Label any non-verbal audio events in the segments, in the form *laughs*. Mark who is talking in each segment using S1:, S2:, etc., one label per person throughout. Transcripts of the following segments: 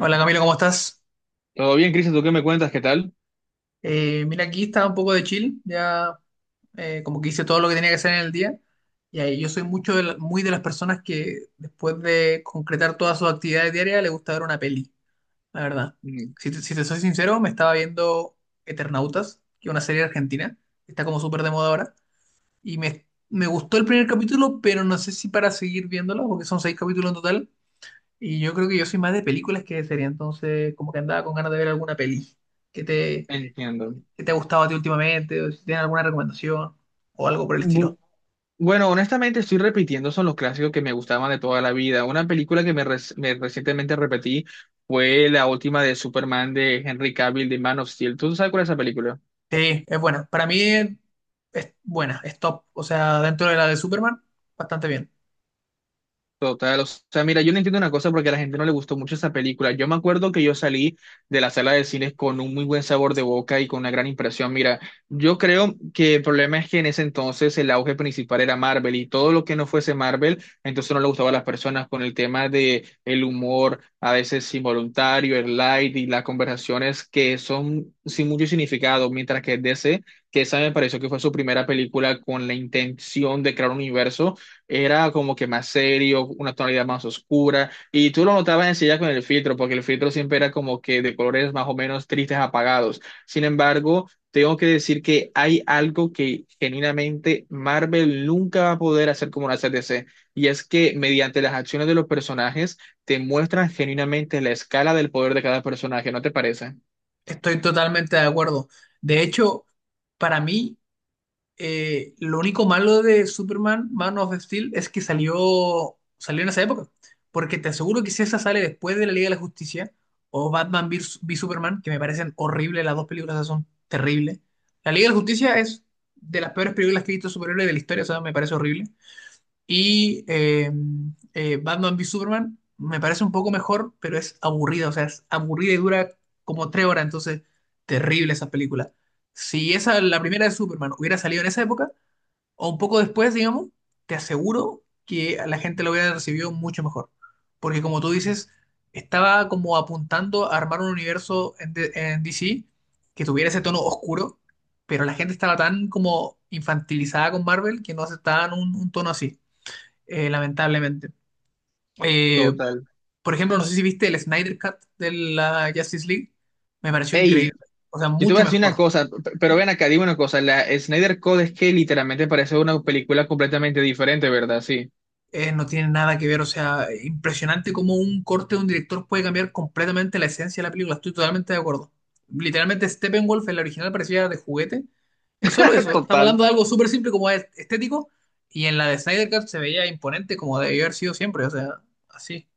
S1: Hola, Camilo, ¿cómo estás?
S2: Todo bien, Cristian, ¿tú qué me cuentas? ¿Qué tal?
S1: Mira, aquí estaba un poco de chill, ya como que hice todo lo que tenía que hacer en el día. Y ahí yo soy mucho de muy de las personas que después de concretar todas sus actividades diarias le gusta ver una peli, la verdad.
S2: Mm.
S1: Si te soy sincero, me estaba viendo Eternautas, que es una serie argentina, que está como súper de moda ahora. Me gustó el primer capítulo, pero no sé si para seguir viéndola, porque son seis capítulos en total. Y yo creo que yo soy más de películas que de serie, entonces como que andaba con ganas de ver alguna peli. ¿Qué te,
S2: Entiendo.
S1: si te ha gustado a ti últimamente, o si tienes alguna recomendación, o algo por el estilo.
S2: Bu- bueno, honestamente estoy repitiendo, son los clásicos que me gustaban de toda la vida. Una película que me recientemente repetí fue la última de Superman de Henry Cavill de Man of Steel. ¿Tú sabes cuál es esa película?
S1: Sí, es buena. Para mí es buena, es top. O sea, dentro de la de Superman, bastante bien.
S2: Total, o sea, mira, yo no entiendo una cosa porque a la gente no le gustó mucho esa película. Yo me acuerdo que yo salí de la sala de cines con un muy buen sabor de boca y con una gran impresión. Mira, yo creo que el problema es que en ese entonces el auge principal era Marvel y todo lo que no fuese Marvel, entonces no le gustaba a las personas con el tema de el humor, a veces involuntario, el light y las conversaciones que son sin mucho significado, mientras que DC, que esa me pareció que fue su primera película con la intención de crear un universo era como que más serio, una tonalidad más oscura, y tú lo notabas enseguida con el filtro, porque el filtro siempre era como que de colores más o menos tristes, apagados. Sin embargo, tengo que decir que hay algo que genuinamente Marvel nunca va a poder hacer como lo hace DC, y es que mediante las acciones de los personajes te muestran genuinamente la escala del poder de cada personaje, ¿no te parece?
S1: Estoy totalmente de acuerdo. De hecho, para mí, lo único malo de Superman, Man of Steel, es que salió en esa época. Porque te aseguro que si esa sale después de la Liga de la Justicia o Batman v Superman, que me parecen horribles, las dos películas esas son terribles. La Liga de la Justicia es de las peores películas que he visto de superhéroes de la historia, o sea, me parece horrible. Y eh, Batman v Superman me parece un poco mejor, pero es aburrida, o sea, es aburrida y dura como tres horas, entonces terrible esa película. Si esa, la primera de Superman hubiera salido en esa época, o un poco después, digamos, te aseguro que a la gente lo hubiera recibido mucho mejor. Porque como tú dices, estaba como apuntando a armar un universo en DC que tuviera ese tono oscuro, pero la gente estaba tan como infantilizada con Marvel que no aceptaban un tono así, lamentablemente. Eh,
S2: Total.
S1: por ejemplo, no sé si viste el Snyder Cut de la Justice League, me pareció
S2: Hey.
S1: increíble, o sea,
S2: Yo te voy
S1: mucho
S2: a decir una
S1: mejor.
S2: cosa, pero ven acá, dime una cosa, la Snyder Code es que literalmente parece una película completamente diferente, ¿verdad? Sí.
S1: No tiene nada que ver, o sea, impresionante cómo un corte de un director puede cambiar completamente la esencia de la película, estoy totalmente de acuerdo. Literalmente Steppenwolf, el original, parecía de juguete, es solo eso,
S2: *laughs*
S1: estamos
S2: Total.
S1: hablando de algo súper simple como estético, y en la de Snyder Cut se veía imponente como debió haber sido siempre, o sea, así.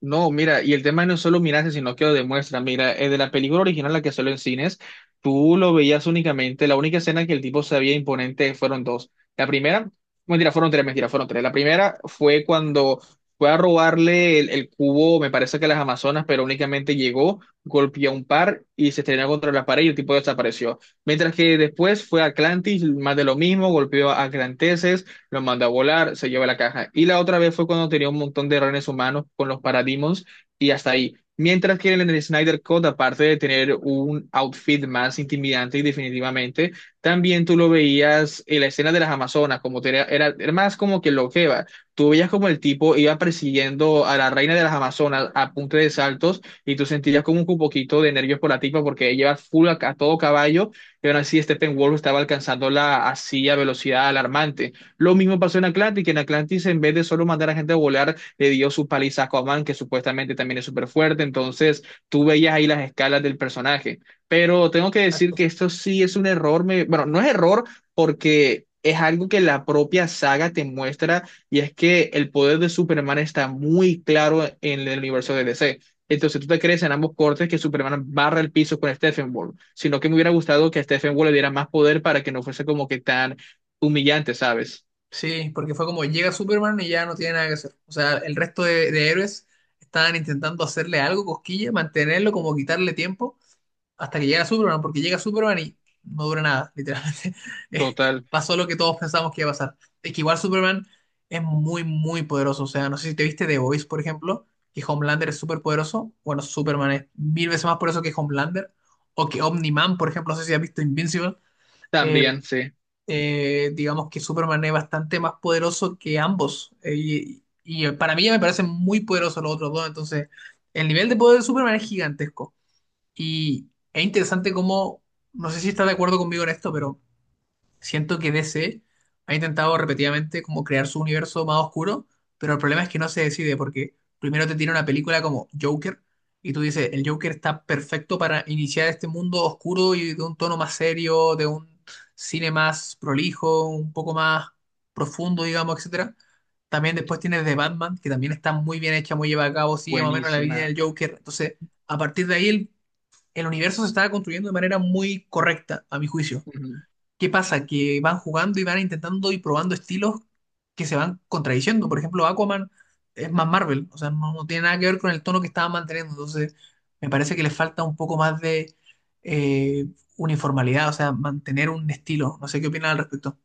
S2: No, mira, y el tema no es solo mirarse, sino que lo demuestra. Mira, de la película original, la que salió en cines, tú lo veías únicamente, la única escena que el tipo se veía imponente fueron dos. La primera, mentira, fueron tres, mentira, fueron tres. La primera fue cuando fue a robarle el cubo, me parece que a las Amazonas, pero únicamente llegó, golpeó a un par y se estrenó contra la pared y el tipo desapareció. Mientras que después fue a Atlantis, más de lo mismo, golpeó a Atlantes lo manda a volar, se lleva la caja. Y la otra vez fue cuando tenía un montón de renes humanos con los Parademons y hasta ahí. Mientras que en el Snyder Cut, aparte de tener un outfit más intimidante y definitivamente, también tú lo veías en la escena de las Amazonas, como era, era más como que lo que va. Tú veías como el tipo iba persiguiendo a la reina de las Amazonas a punta de saltos y tú sentías como un poquito de nervios por la tipa porque ella iba full a todo caballo y aún así Steppenwolf estaba alcanzándola así a velocidad alarmante. Lo mismo pasó en Atlantis, que en Atlantis en vez de solo mandar a gente a volar, le dio su paliza a Aquaman, que supuestamente también es súper fuerte, entonces tú veías ahí las escalas del personaje. Pero tengo que decir
S1: Exacto.
S2: que esto sí es un error, me... bueno, no es error porque es algo que la propia saga te muestra y es que el poder de Superman está muy claro en el universo de DC. Entonces tú te crees en ambos cortes que Superman barra el piso con Steppenwolf, sino que me hubiera gustado que a Steppenwolf le diera más poder para que no fuese como que tan humillante, ¿sabes?
S1: Sí, porque fue como llega Superman y ya no tiene nada que hacer. O sea, el resto de héroes estaban intentando hacerle algo, cosquilla, mantenerlo, como quitarle tiempo. Hasta que llega Superman, porque llega Superman y no dura nada, literalmente. *laughs* Eh,
S2: Total,
S1: pasó lo que todos pensamos que iba a pasar. Es que igual Superman es muy, muy poderoso. O sea, no sé si te viste The Voice, por ejemplo, que Homelander es súper poderoso. Bueno, Superman es mil veces más poderoso que Homelander. O que Omni-Man, por ejemplo, no sé si has visto Invincible. Eh,
S2: también, sí,
S1: digamos que Superman es bastante más poderoso que ambos. Y para mí ya me parecen muy poderosos los otros dos. Entonces, el nivel de poder de Superman es gigantesco. Y es interesante cómo, no sé si estás de acuerdo conmigo en esto, pero siento que DC ha intentado repetidamente como crear su universo más oscuro, pero el problema es que no se decide porque primero te tira una película como Joker y tú dices, el Joker está perfecto para iniciar este mundo oscuro y de un tono más serio, de un cine más prolijo, un poco más profundo, digamos, etcétera. También después tienes The Batman, que también está muy bien hecha, muy lleva a cabo, sigue más o menos la línea
S2: buenísima.
S1: del Joker. Entonces, a partir de ahí el universo se estaba construyendo de manera muy correcta, a mi juicio.
S2: Ujú.
S1: ¿Qué pasa? Que van jugando y van intentando y probando estilos que se van contradiciendo. Por ejemplo, Aquaman es más Marvel, o sea, no tiene nada que ver con el tono que estaba manteniendo. Entonces, me parece que le falta un poco más de eh, uniformidad, o sea, mantener un estilo. No sé qué opinan al respecto.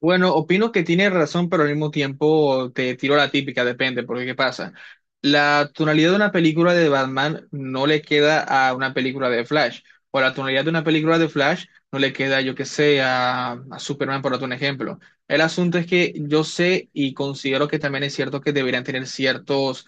S2: Bueno, opino que tiene razón, pero al mismo tiempo te tiro la típica, depende, porque ¿qué pasa? La tonalidad de una película de Batman no le queda a una película de Flash, o la tonalidad de una película de Flash no le queda, yo qué sé, a Superman, por otro ejemplo. El asunto es que yo sé y considero que también es cierto que deberían tener ciertos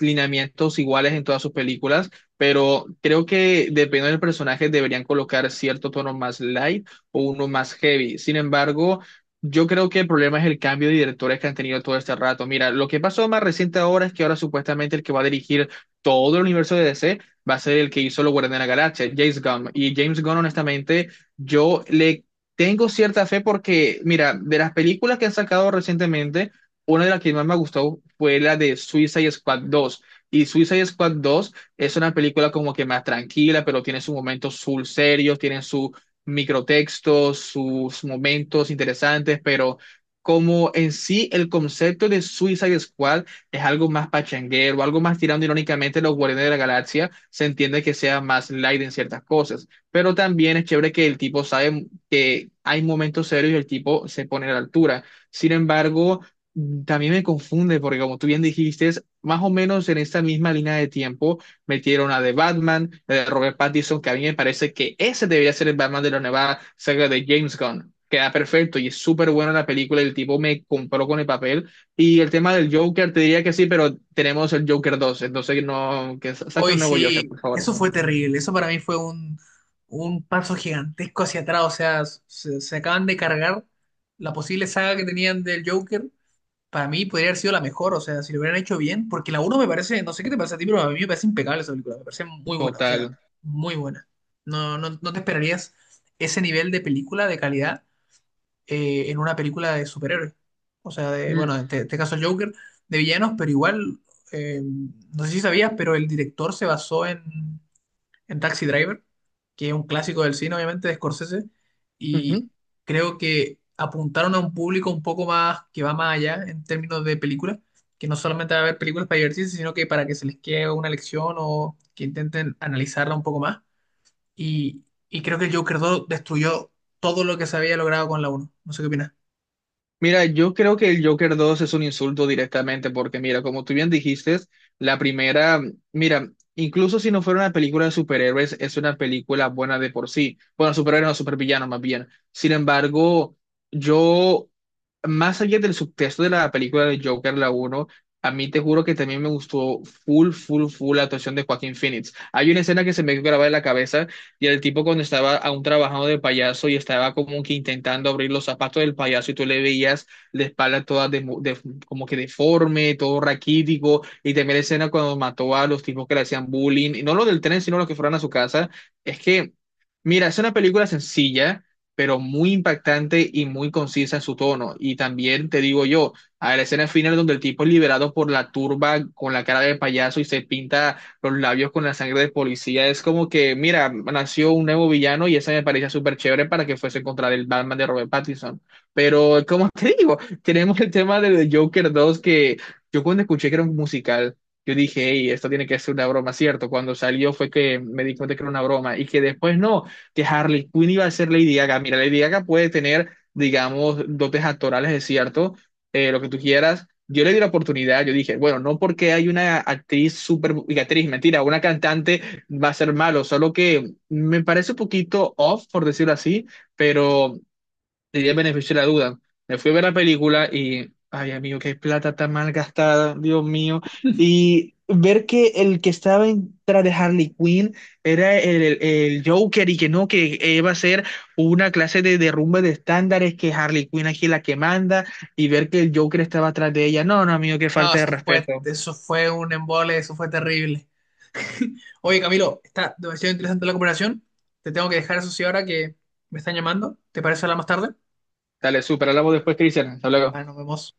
S2: lineamientos iguales en todas sus películas, pero creo que dependiendo del personaje deberían colocar cierto tono más light o uno más heavy. Sin embargo, yo creo que el problema es el cambio de directores que han tenido todo este rato. Mira, lo que pasó más reciente ahora es que ahora supuestamente el que va a dirigir todo el universo de DC va a ser el que hizo Los Guardianes de la Galaxia, James Gunn. Y James Gunn, honestamente, yo le tengo cierta fe porque, mira, de las películas que han sacado recientemente, una de las que más me gustó fue la de Suicide Squad 2. Y Suicide Squad 2 es una película como que más tranquila, pero tiene sus momentos full serios, tiene sus microtextos, sus momentos interesantes, pero como en sí el concepto de Suicide Squad es algo más pachanguero, algo más tirando irónicamente a los Guardianes de la Galaxia, se entiende que sea más light en ciertas cosas, pero también es chévere que el tipo sabe que hay momentos serios y el tipo se pone a la altura. Sin embargo, también me confunde porque como tú bien dijiste, es más o menos en esta misma línea de tiempo metieron a de Batman, la de Robert Pattinson, que a mí me parece que ese debería ser el Batman de la nueva saga de James Gunn. Queda perfecto y es súper buena la película, el tipo me compró con el papel. Y el tema del Joker, te diría que sí, pero tenemos el Joker 2 entonces no, que saque
S1: Hoy
S2: un nuevo Joker,
S1: sí,
S2: por favor.
S1: eso fue terrible. Eso para mí fue un paso gigantesco hacia atrás. O sea, se acaban de cargar la posible saga que tenían del Joker. Para mí podría haber sido la mejor, o sea, si lo hubieran hecho bien, porque la uno me parece, no sé qué te parece a ti, pero a mí me parece impecable esa película, me parece muy buena, o sea,
S2: Total.
S1: muy buena. No te esperarías ese nivel de película, de calidad, en una película de superhéroes. O sea, de, bueno,
S2: Mm,
S1: en este caso Joker, de villanos, pero igual, no sé si sabías, pero el director se basó en Taxi Driver, que es un clásico del cine, obviamente, de Scorsese, y
S2: ujú.
S1: creo que apuntaron a un público un poco más que va más allá en términos de películas, que no solamente va a ver películas para divertirse, sino que para que se les quede una lección o que intenten analizarla un poco más. Y, y creo que el Joker 2 destruyó todo lo que se había logrado con la uno. No sé qué opinas.
S2: Mira, yo creo que el Joker 2 es un insulto directamente, porque mira, como tú bien dijiste, la primera, mira, incluso si no fuera una película de superhéroes, es una película buena de por sí. Bueno, superhéroes no, supervillanos más bien. Sin embargo, yo más allá del subtexto de la película de Joker, la uno a mí te juro que también me gustó full, full, full la actuación de Joaquín Phoenix. Hay una escena que se me quedó grabada en la cabeza y el tipo cuando estaba aún trabajando de payaso y estaba como que intentando abrir los zapatos del payaso y tú le veías la espalda toda como que deforme, todo raquítico y también la escena cuando mató a los tipos que le hacían bullying, y no los del tren, sino los que fueron a su casa. Es que... Mira, es una película sencilla, pero muy impactante y muy concisa en su tono. Y también te digo yo, a la escena final donde el tipo es liberado por la turba con la cara de payaso y se pinta los labios con la sangre de policía, es como que, mira, nació un nuevo villano y esa me parecía súper chévere para que fuese contra el Batman de Robert Pattinson. Pero, como *laughs* te digo, tenemos el tema de The Joker 2 que yo cuando escuché que era un musical. Yo dije, hey, esto tiene que ser una broma, ¿cierto? Cuando salió fue que me di cuenta que era una broma y que después no, que Harley Quinn iba a ser Lady Gaga. Mira, Lady Gaga puede tener, digamos, dotes actorales, es cierto, lo que tú quieras. Yo le di la oportunidad, yo dije, bueno, no porque hay una actriz súper, y actriz, mentira, una cantante va a ser malo, solo que me parece un poquito off, por decirlo así, pero diría el beneficio de la duda. Me fui a ver la película y, ay, amigo, qué plata tan mal gastada, Dios mío. Y ver que el que estaba tras de Harley Quinn era el Joker y que no, que iba a ser una clase de derrumbe de estándares, que Harley Quinn aquí es la que manda, y ver que el Joker estaba atrás de ella. No, no, amigo, qué
S1: No,
S2: falta de respeto.
S1: eso fue un embole, eso fue terrible. Oye, Camilo, está demasiado interesante la conversación. Te tengo que dejar eso sí ahora que me están llamando. ¿Te parece hablar más tarde?
S2: Dale, super, hablamos después, Cristian. Hasta luego.
S1: Bueno, nos vemos.